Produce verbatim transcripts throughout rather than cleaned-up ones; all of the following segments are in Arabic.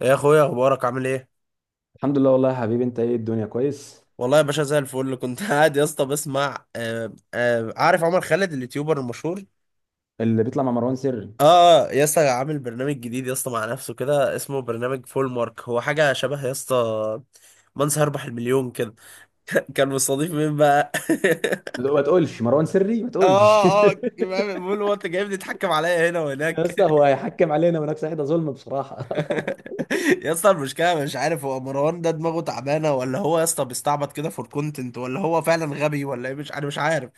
يا اخويا، اخبارك عامل ايه؟ الحمد لله والله يا حبيبي. انت ايه، الدنيا كويس؟ والله يا باشا زي الفل. كنت قاعد يا اسطى بسمع. آه آه عارف عمر خالد اليوتيوبر المشهور؟ اللي بيطلع مع مروان سري؟ اه آه، يا اسطى عامل برنامج جديد يا اسطى مع نفسه كده اسمه برنامج فول مارك. هو حاجه شبه يا اسطى من سيربح المليون كده. كان مستضيف مين بقى؟ لا، ما تقولش مروان سري، ما تقولش. اه اه بيقول هو: انت جايبني تتحكم عليا هنا يا وهناك. اسطى، هو هيحكم علينا ونفس حته ظلم بصراحه. يا اسطى المشكله مش عارف هو مروان ده دماغه تعبانه، ولا هو يا اسطى بيستعبط كده فور كونتنت، ولا هو فعلا غبي، ولا ايه؟ مش انا مش عارف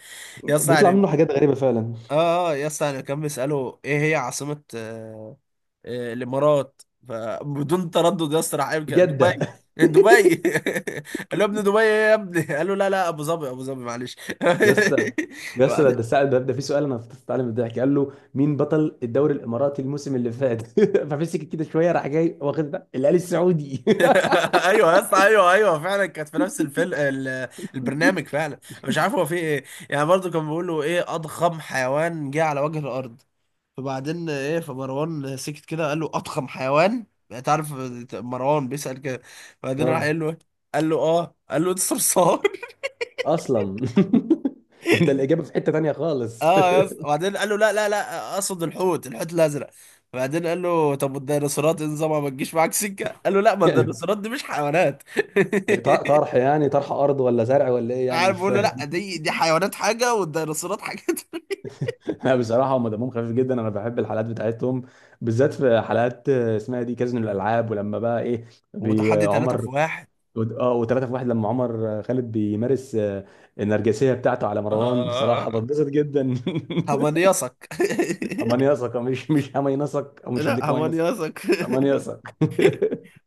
يا اسطى، بيطلع يعني. منه حاجات غريبة فعلا. اه اه يا اسطى انا كان بيساله: ايه هي عاصمه آه آه الامارات؟ فبدون تردد يا اسطى راح قايل كده: جدة. دبي. دبي! قال له: يا ابني دبي ايه يا ابني؟ قال له: لا لا، ابو ظبي ابو ظبي، معلش. يا اسطى، يا اسطى، ده ده وبعدين سأل ده, ده، في سؤال انا فضلت اتعلم الضحك. قال له مين بطل الدوري الاماراتي الموسم اللي فات؟ فمسك كده شويه، راح جاي واخد ده الهلال السعودي. ايوه يا اسطى، ايوه ايوه فعلا. كانت في نفس الفيلم ال- البرنامج. فعلا مش عارف هو في ايه. يعني برضه كان بيقول له: ايه اضخم حيوان جه على وجه الارض؟ فبعدين ايه، فمروان سكت كده. قال له: اضخم حيوان؟ انت عارف مروان بيسأل كده. بعدين راح اه، قال له: إيه؟ قال له: اه. قال له: انت صرصار! اصلا. ده الاجابه في حته تانيه خالص. اه يا اسطى، بعدين قال له: لا لا لا، اقصد الحوت، الحوت الازرق. بعدين قال له: طب والديناصورات إيه نظامها، ما تجيش معاك سكه؟ قال له: لا، ما يعني الديناصورات دي مش حيوانات. طرح، يعني طرح ارض ولا زرع ولا ايه، يعني عارف، مش بيقول له: لا، فاهم. دي دي حيوانات حاجه، والديناصورات حاجه تانية. لا بصراحة هم دمهم خفيف جدا، أنا بحب الحلقات بتاعتهم. بالذات في حلقات، آه، اسمها دي كازينو الألعاب. ولما بقى إيه، بي- وتحدي آه، ثلاثة عمر، في واحد. ود- اه وثلاثة في واحد، لما عمر، آه، خالد بيمارس، آه، النرجسية بتاعته على اه مروان، آه، بصراحة آه. بتبسط جدا. همنيصك. أمان يثق، مش مش أمان يثق، أو مش هديك لا، أمان يثق. همنيصك. أمان يثق.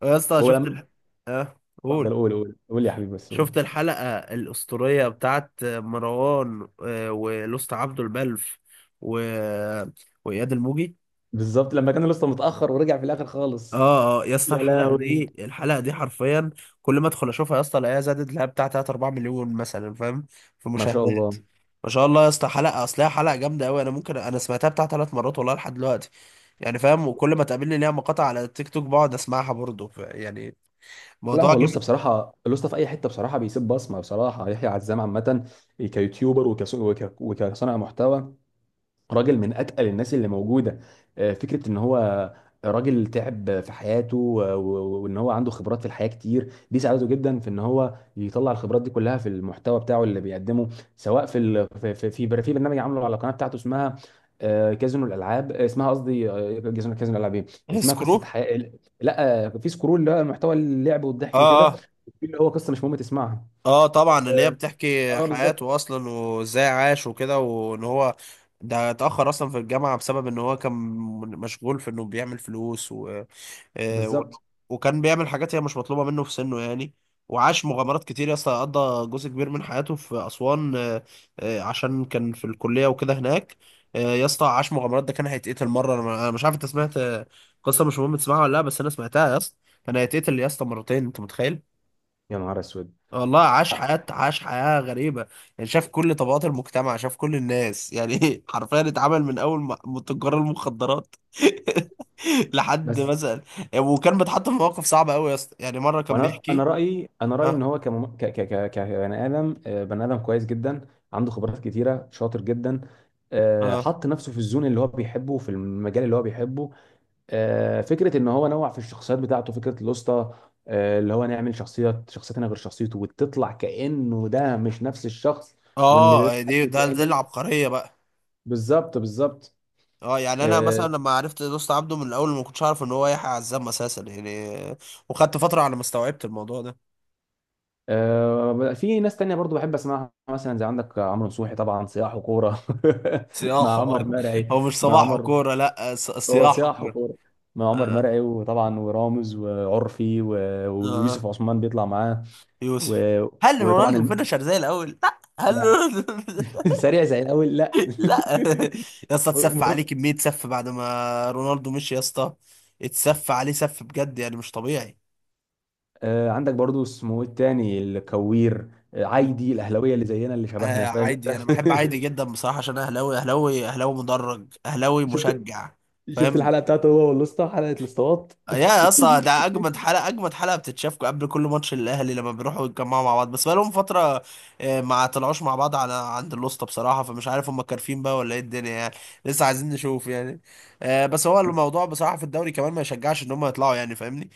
يا اسطى شفت ولما الح... اه، قول. اتفضل، قول قول قول يا حبيبي بس قول. شفت الحلقة الأسطورية بتاعت مروان آه، ولوست عبده البلف و... وإياد الموجي؟ بالظبط لما كان لسه متأخر ورجع في الآخر خالص. اه اه يا اسطى يا الحلقة لهوي. دي، الحلقة دي حرفيا كل ما ادخل اشوفها يا اسطى الاقيها زادت لها بتاع ثلاثة اربعة مليون مثلا، فاهم؟ في ما شاء مشاهدات. الله. ما شاء الله يا اسطى، حلقة اصلها حلقة جامدة قوي. انا ممكن انا سمعتها بتاع ثلاث مرات والله لحد دلوقتي، يعني فاهم؟ وكل ما تقابلني ليها مقاطع على التيك توك بقعد اسمعها برضه، ف- يعني لا موضوع هو جامد. لسه بصراحة، لسه في أي حتة بصراحة بيسيب بصمة. بصراحة يحيى عزام عامة كيوتيوبر، وكص- وك- وكصانع محتوى، راجل من اتقل الناس اللي موجوده. آه، فكره ان هو راجل تعب في حياته، و- و- وان هو عنده خبرات في الحياه كتير، دي ساعدته جدا في ان هو يطلع الخبرات دي كلها في المحتوى بتاعه اللي بيقدمه. سواء في ال... في في في بر- في برنامج عامله على القناه بتاعته، اسمها آه، كازينو الالعاب، آه، اسمها قصدي، آه، كازينو كازينو الالعاب ايه، اسمها قصه سكرو. حياه. لا، آه، في سكرول اللي هو محتوى اللعب اه والضحك وكده، اه في اللي هو قصه مش مهم تسمعها. اه طبعا، اللي هي اه، بتحكي آه، حياته بالظبط اصلا وازاي عاش وكده، وان هو ده اتأخر اصلا في الجامعة بسبب ان هو كان مشغول في انه بيعمل فلوس و... آه، و... بالظبط. وكان بيعمل حاجات هي مش مطلوبة منه في سنه يعني. وعاش مغامرات كتير يا اسطى. قضى جزء كبير من حياته في أسوان، آه، آه، عشان كان في الكلية وكده هناك. آه، يا اسطى عاش مغامرات. ده كان هيتقتل مرة. انا أنا مش عارف انت سمعت آه، قصة مش مهم تسمعها ولا لا، بس انا سمعتها يا اسطى. كان هيتقتل يا اسطى مرتين، انت متخيل؟ يا نهار اسود. والله، عاش آه، حياة عاش حياة غريبة. يعني شاف كل طبقات المجتمع، شاف كل الناس يعني. حرفيا اتعامل من أول ما- من تجار المخدرات لحد بس. مثلا. وكان بيتحط في مواقف صعبة أوي يا اسطى. يعني مرة كان وانا، انا بيحكي. رايي انا رايي ان اه هو كمم... ك... ك... ك... كبني ادم آه، بني ادم كويس جدا، عنده خبرات كتيره، شاطر جدا. آه، اه حط نفسه في الزون اللي هو بيحبه، في المجال اللي هو بيحبه. آه، فكره ان هو نوع في الشخصيات بتاعته، فكره الوسطى، آه، اللي هو نعمل شخصيه، شخصيتنا غير شخصيته، وتطلع كانه ده مش نفس الشخص، وان ده اه دي حد ده دي تاني. العبقرية بقى. بالظبط بالظبط. اه يعني انا مثلا لما عرفت دوست عبده من الاول ما كنتش عارف ان هو يحيى عزام اساسا يعني، وخدت فتره على ما استوعبت الموضوع ده. آه، في ناس تانية برضو بحب اسمعها، مثلا زي عندك عمرو نصوحي، طبعا سياح وكورة صياحه، مع عمر اه. مرعي. هو مش مع صباح عمر، وكوره، لا، ص- هو صياحه سياح كوره. وكورة مع عمر اه مرعي. وطبعا ورامز وعرفي و... اه آه. ويوسف عثمان بيطلع معاه يوسف. و... هل وطبعا رونالدو الم... فينشر زي الاول؟ لا، هل لا. رونالدو سريع زي الاول، لا. لا يا اسطى، اتسف ومر- عليه كميه سف بعد ما رونالدو مشي يا اسطى. اتسف عليه سف بجد يعني، مش طبيعي. آه، عندك برضو اسمه إيه التاني، الكوير، آه، عايدي الاهلاويه، اللي زينا اللي آه شبهنا، فاهم عادي، انت. انا بحب عادي جدا بصراحه، عشان أنا اهلاوي، اهلاوي، اهلاوي مدرج، اهلاوي شفت مشجع. شفت فاهم؟ الحلقه بتاعته، هو والاسطى، حلقه الاسطوات. يا اسطى ده اجمد حلقه، اجمد حلقه بتتشاف قبل كل ماتش الاهلي لما بيروحوا يتجمعوا مع بعض. بس بقالهم فتره آه، ما طلعوش مع بعض على عند الوسطى بصراحه، فمش عارف هم كارفين بقى ولا ايه الدنيا يعني. لسه عايزين نشوف يعني. آه، بس هو الموضوع بصراحه في الدوري كمان ما يشجعش ان هم يطلعوا يعني، فاهمني؟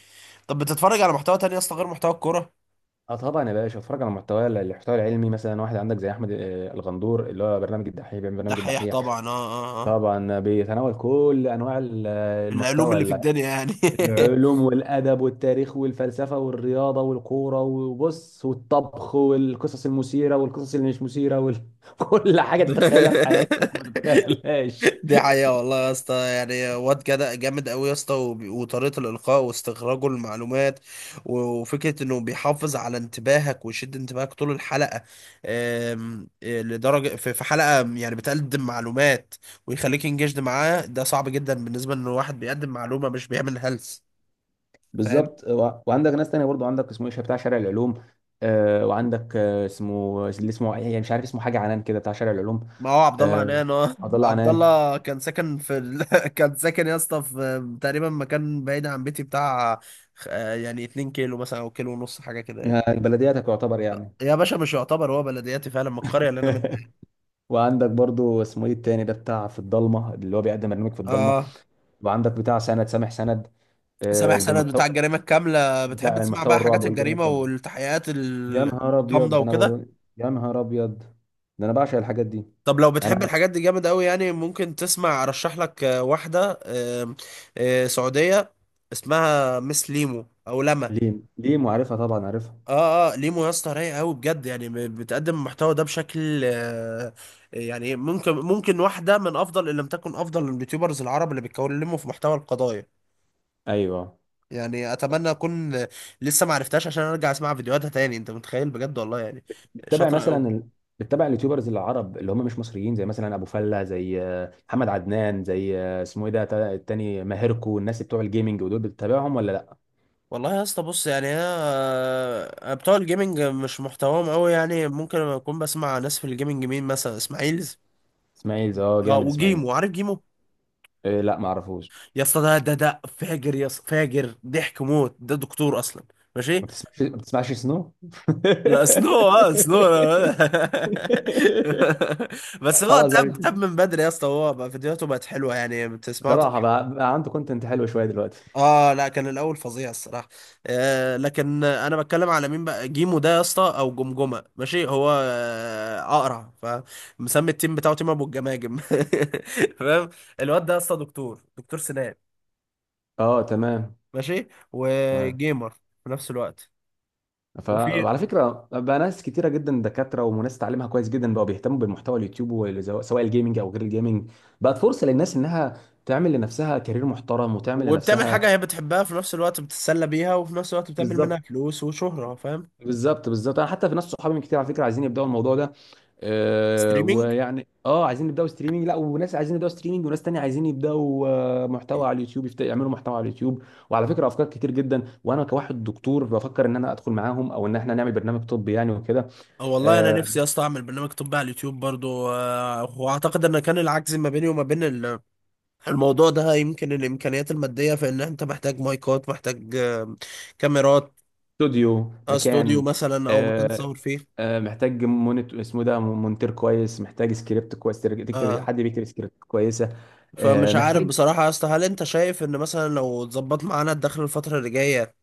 طب بتتفرج على محتوى تاني يا اسطى غير محتوى الكوره؟ اه طبعا يا باشا، اتفرج على المحتوى المحتوى العلمي. مثلا واحد عندك زي احمد، آه، الغندور، اللي هو برنامج الدحيح، بيعمل ده برنامج حقيقة الدحيح. طبعا. اه اه اه طبعا بيتناول كل انواع ال- آه، العلوم المحتوى، اللي في ال- الدنيا يعني. العلوم والادب والتاريخ والفلسفه والرياضه والكوره، وبص، والطبخ والقصص المثيره والقصص اللي مش مثيره، وكل حاجه تتخيلها في حياتك وما تتخيلهاش. دي حقيقة والله يا اسطى. يعني واد جدع جامد قوي يا اسطى، وب- وطريقة الإلقاء، واستخراجه المعلومات، و- وفكرة إنه بيحافظ على انتباهك ويشد انتباهك طول الحلقة. آم، آه، لدرجة في في حلقة يعني بتقدم معلومات ويخليك انجشد معاه، ده صعب جدا بالنسبة إن واحد بيقدم معلومة مش بيعمل هلس. فاهم؟ بالظبط. و- وعندك ناس تانية برضو، عندك اسمه ايش بتاع شارع العلوم، آه، وعندك، آه، اسمه اللي اسمه يعني مش عارف اسمه حاجه عنان كده، بتاع شارع العلوم. ما هو عبد الله آه، عنان، اه. عبد الله عبد عنان. الله كان ساكن في ال... كان ساكن يا اسطى في تقريبا مكان بعيد عن بيتي بتاع آه، يعني اتنين كيلو مثلا او كيلو ونص حاجة كده يعني. آه، بلدياتك يعتبر يعني. يا باشا مش يعتبر، هو بلدياتي فعلا من القرية اللي انا منها. وعندك برضو اسمه ايه التاني ده، بتاع في الضلمه اللي هو بيقدم برنامج في الضلمه. اه، وعندك بتاع سند، سامح سند، آه، سامح سند بالمحتوى، بتاع الجريمة الكاملة؟ بتحب بتاع تسمع المحتوى بقى الرعب حاجات والجريمه الجريمة الكامله. والتحقيقات يا ال- نهار ابيض، الغامضة ده انا وكده؟ بقول- يا نهار ابيض، ده انا بعشق الحاجات دي. طب لو بتحب انا الحاجات دي جامد قوي، يعني ممكن تسمع، ارشح لك آه، واحدة آم، آه، سعودية اسمها مس ليمو او لما. ليم، ليم وعارفها، طبعا عارفها. اه اه ليمو يا اسطى رايقة قوي بجد، يعني ب- بتقدم المحتوى ده بشكل آه، يعني ممكن، ممكن واحدة من افضل، ان لم تكن افضل، اليوتيوبرز العرب اللي بيتكلموا في محتوى القضايا ايوه. يعني. اتمنى اكون لسه ما عرفتهاش عشان ارجع اسمع فيديوهاتها تاني، انت متخيل؟ بجد والله يعني بتتابع شاطره قوي. مثلا ال... بتتابع اليوتيوبرز العرب اللي هم مش مصريين، زي مثلا ابو فله، زي آه، محمد عدنان، زي آه، اسمه ايه ده، تا- التاني، ماهركو، الناس بتوع الجيمنج، ودول بتتابعهم ولا لا؟ والله يا اسطى بص، يعني انا بتوع الجيمنج مش محتواهم قوي يعني. ممكن اكون بسمع ناس في الجيمنج، مين مثلا؟ اسماعيل. اسماعيل، اه اه، جامد اسماعيل. وجيمو، عارف جيمو؟ إيه، لا ما اعرفوش. يا اسطى ده ده ده فاجر يا اسطى، فاجر ضحك موت. ده دكتور اصلا، ماشي؟ ما بتسمعش ما بتسمعش سنو؟ لا سنو، اه سنو. بس هو خلاص تاب، بقى. تاب من بدري يا اسطى، هو بقى فيديوهاته بقت حلوه يعني بتسمعه. بصراحه بقى، بقى عنده كونتنت حلو شويه دلوقتي. اه لا، كان الاول فظيع الصراحه. آه، لكن انا بتكلم على مين بقى، جيمو ده يا اسطى او جمجمه، ماشي؟ هو آه اقرع، فمسمي التيم بتاعه تيم ابو الجماجم. فاهم؟ الواد ده يا اسطى دكتور، دكتور سنان، اه تمام، ماشي؟ تمام. وجيمر في نفس الوقت. ف- وفي، وعلى فكره بقى، ناس كتيره جدا، دكاتره وناس تعليمها كويس جدا، بقوا بيهتموا بالمحتوى اليوتيوب والزو- سواء الجيمنج او غير الجيمنج، بقت فرصه للناس انها تعمل لنفسها كارير محترم، وتعمل وبتعمل لنفسها حاجه هي بتحبها في نفس الوقت، بتتسلى بيها، وفي نفس الوقت بتعمل منها بالظبط فلوس وشهره. فاهم؟ بالظبط بالظبط. انا حتى في ناس صحابي من كتير على فكره عايزين يبداوا الموضوع ده. أه ستريمينج. ويعني اه عايزين يبداوا ستريمنج. لا وناس عايزين يبداوا ستريمنج، وناس تانية عايزين يبداوا آه، محتوى على اليوتيوب، يفت- يعملوا محتوى على اليوتيوب. وعلى فكره افكار كتير جدا، وانا كواحد دكتور بفكر ان انا ادخل معاهم، او ان احنا نعمل برنامج طبي يعني وكده. اه والله انا آه، نفسي يا اسطى اعمل برنامج طبي على اليوتيوب برضو. آه، واعتقد ان كان العجز ما بيني وما بين الموضوع ده يمكن الامكانيات الماديه، في ان انت محتاج مايكات، محتاج آه، كاميرات، استوديو آه، استوديو مكان. مثلا، او مكان آه، تصور فيه. آه، محتاج مونت اسمه ده مونتير كويس، محتاج سكريبت كويس، ترج- تكتب، اه، حد بيكتب سكريبت كويسه. آه، فمش عارف محتاج، بصراحه يا اسطى، هل انت شايف ان مثلا لو اتظبط معانا الدخل الفتره اللي جايه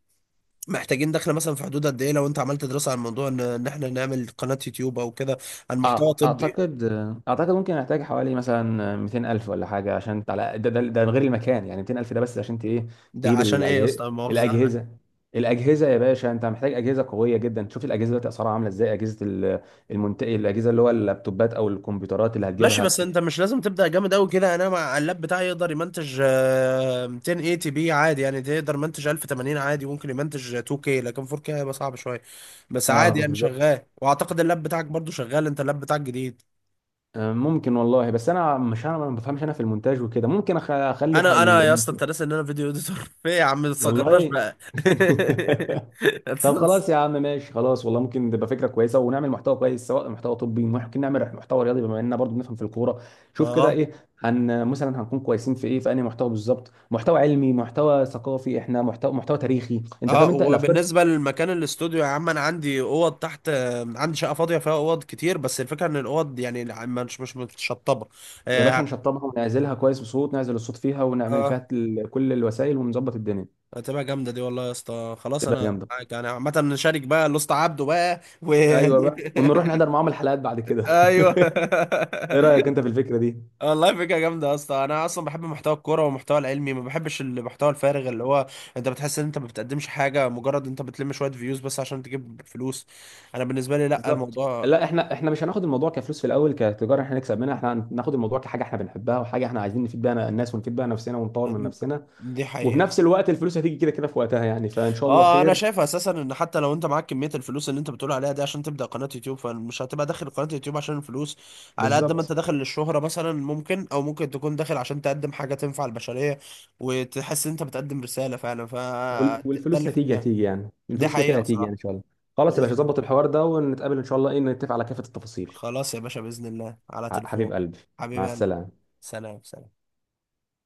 محتاجين دخل مثلا في حدود قد ايه، لو انت عملت دراسه عن موضوع ان إن احنا نعمل قناه يوتيوب او كده عن محتوى آه، طبي؟ اعتقد آه، اعتقد ممكن احتاج حوالي مثلا مئتين الف ولا حاجه، عشان على ده ده, ده، غير المكان يعني. مئتين الف ده بس عشان ت- ايه، ده تجيب عشان ايه يا الاجهزه. اسطى، مؤاخذه؟ الاجهزه، الاجهزه يا باشا، انت محتاج اجهزه قويه جدا. شوف الاجهزه دلوقتي اسعارها عامله ازاي، اجهزه ال- المنت... الاجهزه اللي هو اللابتوبات او الكمبيوترات اللي ماشي، هتجيبها. بس انت مش لازم تبدا جامد قوي كده. انا مع اللاب بتاعي يقدر يمنتج آه، الف وثمانين بي عادي يعني. تقدر يمنتج الف وثمانين عادي، ممكن يمنتج اتنين كي، لكن اربعة كي هيبقى صعب شويه، بس اه عادي يعني بالظبط. شغال. واعتقد اللاب بتاعك برضو شغال، انت اللاب بتاعك جديد. آه، ممكن والله. بس انا مش، انا ما بفهمش انا في المونتاج وكده. ممكن أخ- اخلي انا انا حل... يا اسطى انت ناسي ان انا فيديو اديتور؟ في إيه يا عم، ما تصغرناش والله. بقى. طب خلاص يا عم، ماشي، خلاص والله ممكن تبقى فكره كويسه، ونعمل محتوى كويس. سواء محتوى طبي، ممكن نعمل محتوى رياضي، بما اننا برضو بنفهم في الكوره. شوف كده اه ايه، هن مثلا هنكون كويسين في ايه، في انهي محتوى بالظبط، محتوى علمي، محتوى ثقافي، احنا محتوى محتوى تاريخي، انت فاهم، اه انت الافكار. وبالنسبه لمكان الاستوديو يا عم، انا عندي اوض تحت، آه، عندي شقه فاضيه فيها اوض كتير، بس الفكره ان الاوض يعني مش مش متشطبه. يا باشا آه، نشطبها ونعزلها كويس بصوت، نعزل الصوت فيها، ونعمل فيها اه، كل الوسائل ونظبط الدنيا. هتبقى جامده دي والله يا اسطى. خلاص تبقى انا جامده. معاك يعني، عامه نشارك بقى الاسطى عبده بقى و ايوه بقى، ونروح نحضر معاهم الحلقات بعد كده. ايوه. ايه رايك انت في الفكره دي؟ آه، والله فكره جامده يا اسطى. انا اصلا بحب محتوى الكوره والمحتوى العلمي، ما بحبش المحتوى الفارغ اللي هو انت بتحس ان انت ما بتقدمش حاجه، مجرد انت بتلم شويه فيوز بس عشان تجيب فلوس. انا بالنسبه لي لا، بالظبط. الموضوع لا احنا، احنا مش هناخد الموضوع كفلوس في الاول، كتجاره احنا نكسب منها. احنا هناخد الموضوع كحاجه احنا بنحبها، وحاجه احنا عايزين نفيد بيها الناس، ونفيد بيها نفسنا، ونطور من نفسنا. دي وفي حقيقه. نفس الوقت الفلوس هتيجي كده كده في وقتها يعني، فان شاء الله اه انا خير. شايف اساسا ان حتى لو انت معاك كميه الفلوس اللي انت بتقول عليها دي عشان تبدا قناه يوتيوب، فمش هتبقى داخل قناه يوتيوب عشان الفلوس على قد ما انت بالظبط. داخل للشهره مثلا ممكن، او ممكن تكون داخل عشان تقدم حاجه تنفع البشريه، وتحس ان انت بتقدم رساله فعلا. ف وال- ده والفلوس اللي في هتيجي، دماغي. هتيجي يعني، دي الفلوس كده كده حقيقه هتيجي يعني، بصراحه. ان شاء الله. خلاص يا باذن باشا، الله. ظبط الحوار ده، ونتقابل ان شاء الله، ايه، نتفق على كافة التفاصيل. خلاص يا باشا، باذن الله على ح- حبيب تليفون. قلبي. مع حبيبي قلبي. السلامة. سلام سلام.